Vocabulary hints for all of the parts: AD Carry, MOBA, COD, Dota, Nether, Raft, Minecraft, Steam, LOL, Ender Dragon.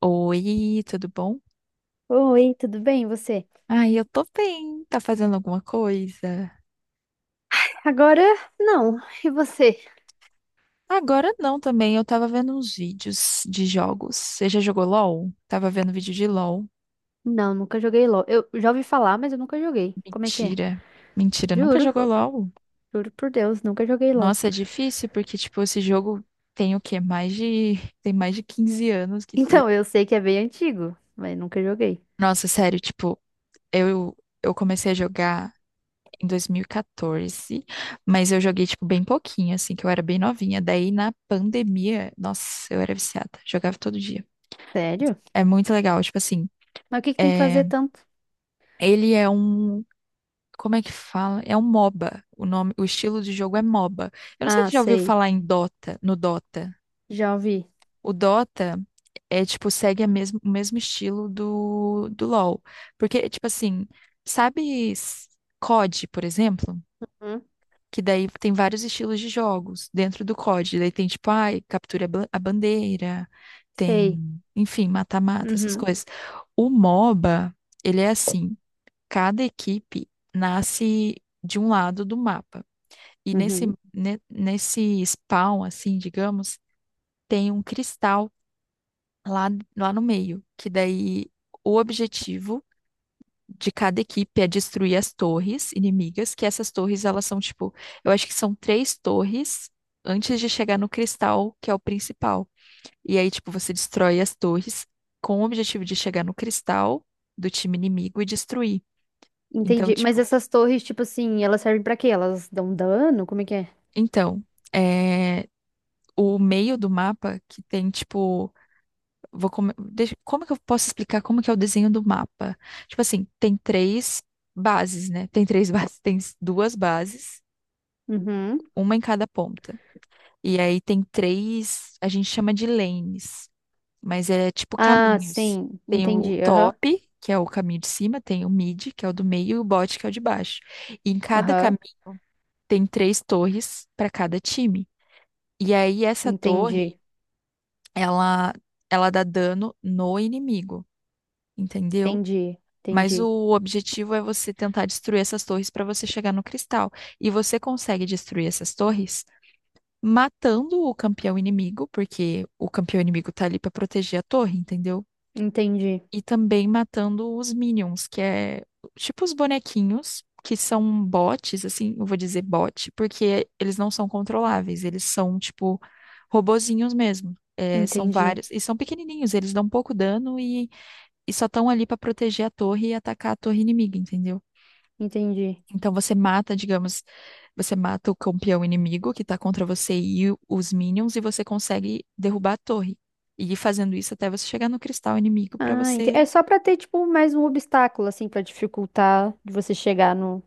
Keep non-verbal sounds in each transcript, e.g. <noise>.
Oi, tudo bom? Oi, tudo bem, e você? Ai, eu tô bem. Tá fazendo alguma coisa? Agora, não. E você? Agora não também. Eu tava vendo uns vídeos de jogos. Você já jogou LOL? Tava vendo vídeo de LOL. Não, nunca joguei LOL. Eu já ouvi falar, mas eu nunca joguei. Como é que é? Mentira. Mentira, nunca Juro, jogou LOL? juro por Deus, nunca joguei LOL. Nossa, é <laughs> difícil porque, tipo, esse jogo tem o quê? Mais de... Tem mais de 15 anos que ter. Então, eu sei que é bem antigo, mas nunca joguei. Nossa, sério, tipo, eu, eu comecei a jogar em 2014, mas eu joguei, tipo, bem pouquinho, assim, que eu era bem novinha. Daí, na pandemia, nossa, eu era viciada, jogava todo dia. Sério? É muito legal, tipo assim, Mas o que que tem que fazer é, tanto? ele é um, como é que fala? É um MOBA, o nome, o estilo de jogo é MOBA. Eu não sei se Ah, já ouviu sei. falar em Dota, no Dota. Já ouvi. O Dota é, tipo, segue o mesmo estilo do LoL, porque, tipo assim, sabe COD, por exemplo? Hum? Que daí tem vários estilos de jogos dentro do COD. Daí tem, tipo, ai, capture a bandeira, Sei. tem, enfim, mata-mata, essas Uhum. coisas. O MOBA, ele é assim, cada equipe nasce de um lado do mapa. E nesse, Uhum. ne- nesse spawn, assim, digamos, tem um cristal lá, lá no meio, que daí o objetivo de cada equipe é destruir as torres inimigas, que essas torres elas são tipo, eu acho que são três torres antes de chegar no cristal, que é o principal. E aí, tipo, você destrói as torres com o objetivo de chegar no cristal do time inimigo e destruir. Então, Entendi. Mas tipo, essas torres, tipo assim, elas servem pra quê? Elas dão dano? Como é que é? então, é, o meio do mapa que tem, tipo, como que eu posso explicar como que é o desenho do mapa? Tipo assim, tem três bases, né? Tem três <laughs> bases, tem duas bases, Uhum. uma em cada ponta. E aí tem três, a gente chama de lanes, mas é tipo Ah, caminhos. sim. Tem o Entendi. Aham. top, que é o caminho de cima, tem o mid, que é o do meio, e o bot, que é o de baixo. E em cada Aham. caminho tem três torres para cada time. E aí essa torre, Entendi. ela, ela dá dano no inimigo, entendeu? Entendi. Mas Entendi. o objetivo é você tentar destruir essas torres para você chegar no cristal. E você consegue destruir essas torres matando o campeão inimigo, porque o campeão inimigo tá ali pra proteger a torre, entendeu? Entendi, E também matando os minions, que é tipo os bonequinhos, que são bots, assim, eu vou dizer bot, porque eles não são controláveis, eles são tipo robozinhos mesmo. É, são entendi, vários, e são pequenininhos, eles dão pouco dano e só estão ali pra proteger a torre e atacar a torre inimiga, entendeu? entendi. Então você mata, digamos, você mata o campeão inimigo que tá contra você e os minions e você consegue derrubar a torre. E ir fazendo isso até você chegar no cristal inimigo pra Ah, você. É só pra ter, tipo, mais um obstáculo, assim, pra dificultar de você chegar no,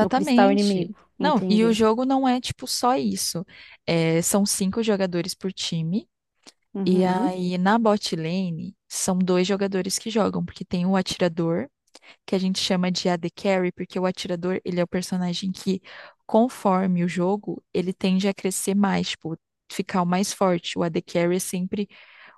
no cristal inimigo. Não, e o Entendi. jogo não é tipo só isso. É, são cinco jogadores por time. E Uhum. aí na bot lane são dois jogadores que jogam, porque tem o atirador que a gente chama de AD Carry, porque o atirador, ele é o personagem que, conforme o jogo, ele tende a crescer mais, tipo, ficar o mais forte. O AD Carry é sempre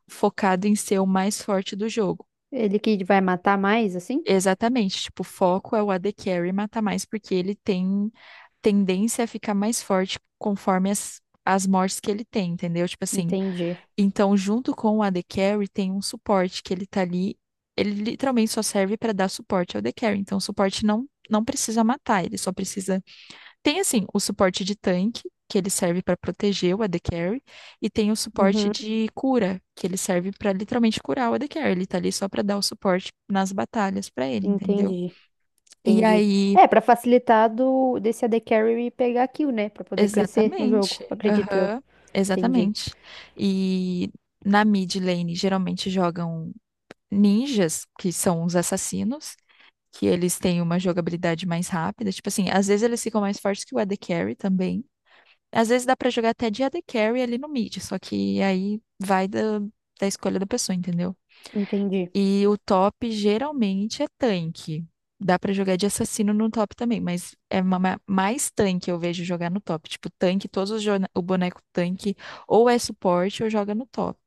focado em ser o mais forte do jogo. Ele que vai matar mais, assim? Exatamente, tipo, o foco é o AD Carry matar mais, porque ele tem tendência a ficar mais forte conforme as mortes que ele tem, entendeu? Tipo assim, Entendi. então, junto com o AD Carry, tem um suporte que ele tá ali. Ele literalmente só serve para dar suporte ao AD Carry. Então, o suporte não precisa matar, ele só precisa. Tem, assim, o suporte de tanque, que ele serve para proteger o AD Carry, e tem o suporte Uhum. de cura, que ele serve para literalmente curar o AD Carry. Ele tá ali só para dar o suporte nas batalhas para ele, entendeu? Entendi, E entendi. aí, É, pra facilitar desse AD Carry pegar kill, né? Pra poder crescer no jogo, exatamente. acredito eu. Aham, Entendi, exatamente. E. Na mid lane, geralmente jogam ninjas, que são os assassinos, que eles têm uma jogabilidade mais rápida. Tipo assim, às vezes eles ficam mais fortes que o AD Carry também. Às vezes dá pra jogar até de AD Carry ali no mid, só que aí vai da escolha da pessoa, entendeu? entendi, E o top geralmente é tanque. Dá pra jogar de assassino no top também, mas é mais tanque eu vejo jogar no top. Tipo, tanque, todos o boneco tanque ou é suporte ou joga no top.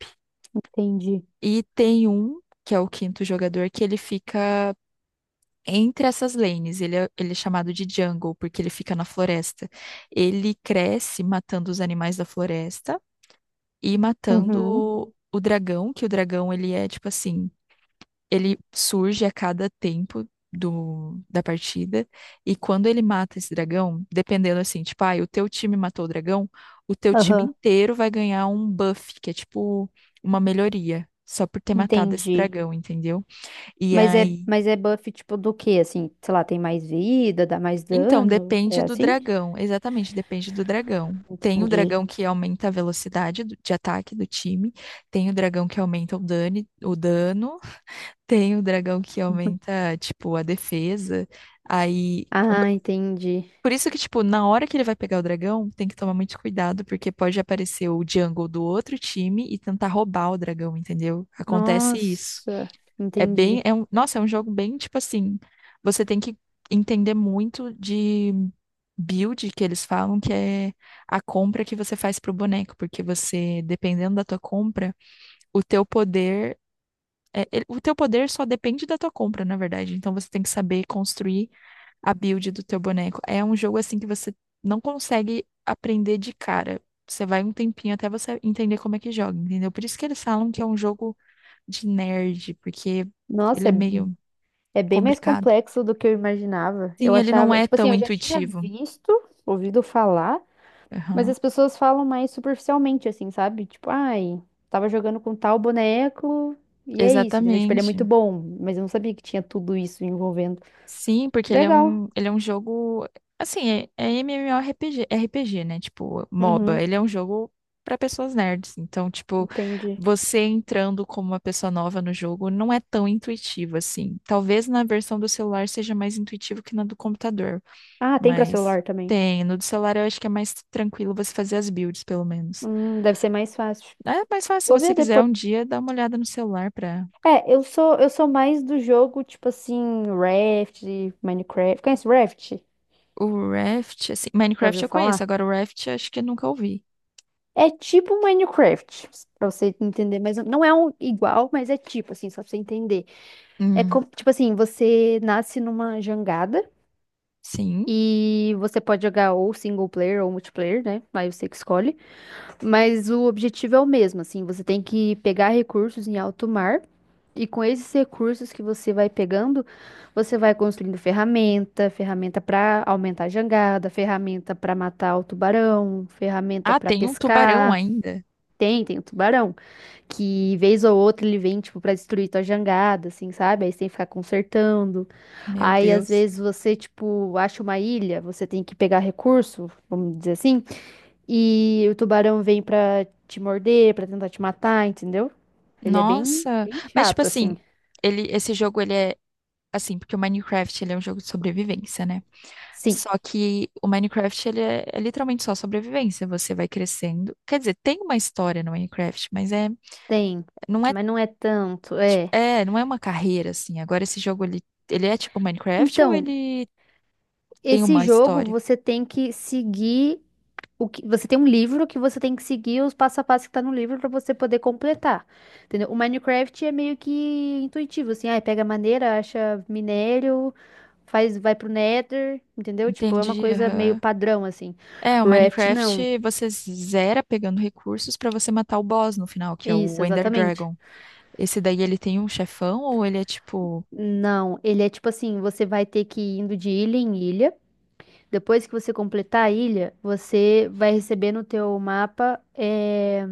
entendi. E tem um, que é o quinto jogador, que ele fica entre essas lanes. Ele é chamado de jungle porque ele fica na floresta. Ele cresce matando os animais da floresta e matando Uhum. o dragão, que o dragão ele é tipo assim, ele surge a cada tempo da partida e quando ele mata esse dragão, dependendo assim, tipo, ah, o teu time matou o dragão, o teu time Aham. inteiro vai ganhar um buff, que é tipo uma melhoria. Só por ter matado esse Entendi. dragão, entendeu? E Mas é, aí. Buff tipo do quê? Assim, sei lá, tem mais vida, dá mais Então, dano? depende É do assim? dragão. Exatamente, depende do dragão. Tem o Entendi. dragão que aumenta a velocidade de ataque do time, tem o dragão que aumenta o dano, tem o dragão que aumenta, tipo, a defesa. Aí, quando... Ah, entendi. Por isso que, tipo, na hora que ele vai pegar o dragão, tem que tomar muito cuidado, porque pode aparecer o jungle do outro time e tentar roubar o dragão, entendeu? Acontece isso. Nossa, É bem, entendi. é um, nossa, é um jogo bem tipo assim, você tem que entender muito de build que eles falam, que é a compra que você faz pro boneco, porque você, dependendo da tua compra, o teu poder o teu poder só depende da tua compra, na verdade. Então você tem que saber construir a build do teu boneco. É um jogo assim que você não consegue aprender de cara. Você vai um tempinho até você entender como é que joga, entendeu? Por isso que eles falam que é um jogo de nerd, porque ele Nossa, é meio é bem mais complicado. complexo do que eu imaginava. Eu Sim, ele não achava, é tipo assim, tão eu já tinha intuitivo. visto, ouvido falar, mas Aham. as pessoas falam mais superficialmente, assim, sabe? Tipo, ai, tava jogando com tal boneco e é isso, entendeu? Tipo, ele é Exatamente. muito bom, mas eu não sabia que tinha tudo isso envolvendo. Sim, Que porque ele é legal. um, ele é um jogo. Assim, é MMORPG, RPG, né? Tipo, MOBA. Uhum, Ele é um jogo para pessoas nerds. Então, tipo, entendi. você entrando como uma pessoa nova no jogo não é tão intuitivo assim. Talvez na versão do celular seja mais intuitivo que na do computador, Ah, tem pra mas celular também. tem. No do celular eu acho que é mais tranquilo você fazer as builds, pelo menos. Deve ser mais fácil. É mais fácil, se Vou ver você quiser depois. um dia, dá uma olhada no celular para. É, eu sou mais do jogo tipo assim, Raft, Minecraft. Conhece Raft? O Raft, assim, Já Minecraft ouviu eu conheço, falar? agora o Raft acho que eu nunca ouvi. É tipo um Minecraft, pra você entender, mas não é um igual, mas é tipo assim, só pra você entender. É Hum, como, tipo assim, você nasce numa jangada sim. e você pode jogar ou single player ou multiplayer, né? Aí você que escolhe. Mas o objetivo é o mesmo, assim, você tem que pegar recursos em alto mar e com esses recursos que você vai pegando, você vai construindo ferramenta, ferramenta para aumentar a jangada, ferramenta para matar o tubarão, ferramenta Ah, para tem um tubarão pescar. ainda. Tem, tem o tubarão, que vez ou outra ele vem, tipo, pra destruir tua jangada, assim, sabe? Aí você tem que ficar consertando. Meu Aí, às Deus. vezes, você, tipo, acha uma ilha, você tem que pegar recurso, vamos dizer assim, e o tubarão vem pra te morder, pra tentar te matar, entendeu? Ele é bem, Nossa, bem mas tipo chato, assim, assim. ele esse jogo ele é assim, porque o Minecraft ele é um jogo de sobrevivência, né? Sim, Só que o Minecraft ele é literalmente só sobrevivência, você vai crescendo. Quer dizer, tem uma história no Minecraft, mas tem, não é mas não é tanto, é. Não é uma carreira assim. Agora esse jogo ele é tipo Minecraft ou Então, ele tem esse uma jogo história? você tem que seguir o que você tem um livro que você tem que seguir os passo a passo que tá no livro pra você poder completar, entendeu? O Minecraft é meio que intuitivo, assim, ai, pega madeira, acha minério, faz, vai pro Nether, entendeu? Tipo, é uma Entendi, coisa meio aham. padrão assim. É, o Raft não. Minecraft você zera pegando recursos pra você matar o boss no final, que é Isso, o Ender exatamente. Dragon. Esse daí ele tem um chefão ou ele é tipo. Não, ele é tipo assim, você vai ter que ir indo de ilha em ilha. Depois que você completar a ilha, você vai receber no teu mapa,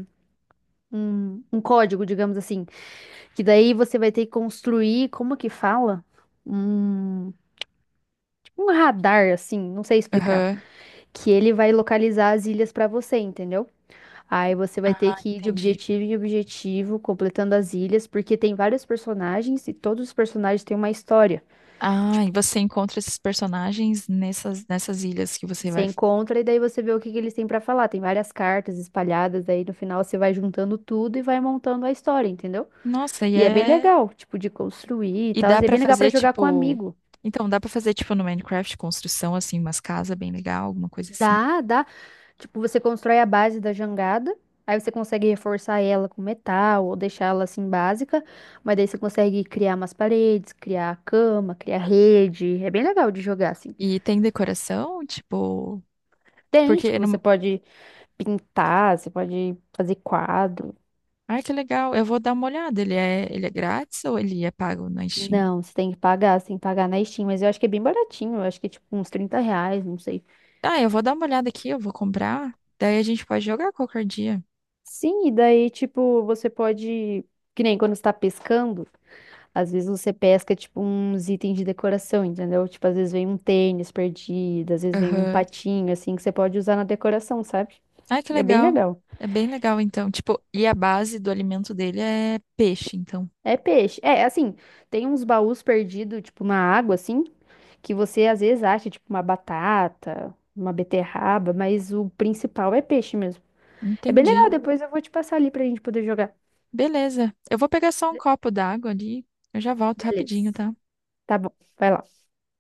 um, código, digamos assim. Que daí você vai ter que construir, como que fala? Um, tipo um radar, assim, não sei explicar. Aham. Que ele vai localizar as ilhas pra você, entendeu? Aí você vai ter Ah, que ir de entendi. objetivo em objetivo, completando as ilhas, porque tem vários personagens e todos os personagens têm uma história. Ah, e Tipo, você encontra esses personagens nessas ilhas que você você vai. encontra e daí você vê o que que eles têm pra falar. Tem várias cartas espalhadas, aí no final você vai juntando tudo e vai montando a história, entendeu? Nossa, e E é bem é. legal, tipo, de construir e E tal. dá E é pra bem legal pra fazer jogar com tipo. amigo. Então, dá pra fazer tipo no Minecraft construção, assim, umas casas bem legal, alguma coisa assim. Dá, dá. Tipo, você constrói a base da jangada, aí você consegue reforçar ela com metal ou deixar ela assim básica, mas daí você consegue criar umas paredes, criar cama, criar rede. É bem legal de jogar assim. E tem decoração, tipo. Tem, Porque tipo, você no. pode pintar, você pode fazer quadro. Ai, que legal. Eu vou dar uma olhada. Ele é grátis ou ele é pago na Steam? Não, você tem que pagar, você tem que pagar na Steam, mas eu acho que é bem baratinho, eu acho que é tipo uns R$ 30, não sei. Ah, eu vou dar uma olhada aqui, eu vou comprar. Daí a gente pode jogar qualquer dia. Sim, e daí, tipo, você pode. Que nem quando você tá pescando, às vezes você pesca, tipo, uns itens de decoração, entendeu? Tipo, às vezes vem um tênis perdido, às vezes vem um Aham. patinho, assim, que você pode usar na decoração, sabe? Ai, que É bem legal. legal. É bem legal, então. Tipo, e a base do alimento dele é peixe, então. É peixe. É, assim, tem uns baús perdidos, tipo, na água, assim, que você às vezes acha, tipo, uma batata, uma beterraba, mas o principal é peixe mesmo. É bem Entendi. legal, depois eu vou te passar ali pra gente poder jogar. Beleza. Eu vou pegar só um copo d'água ali. Eu já volto rapidinho, Beleza. tá? Tá bom, vai lá.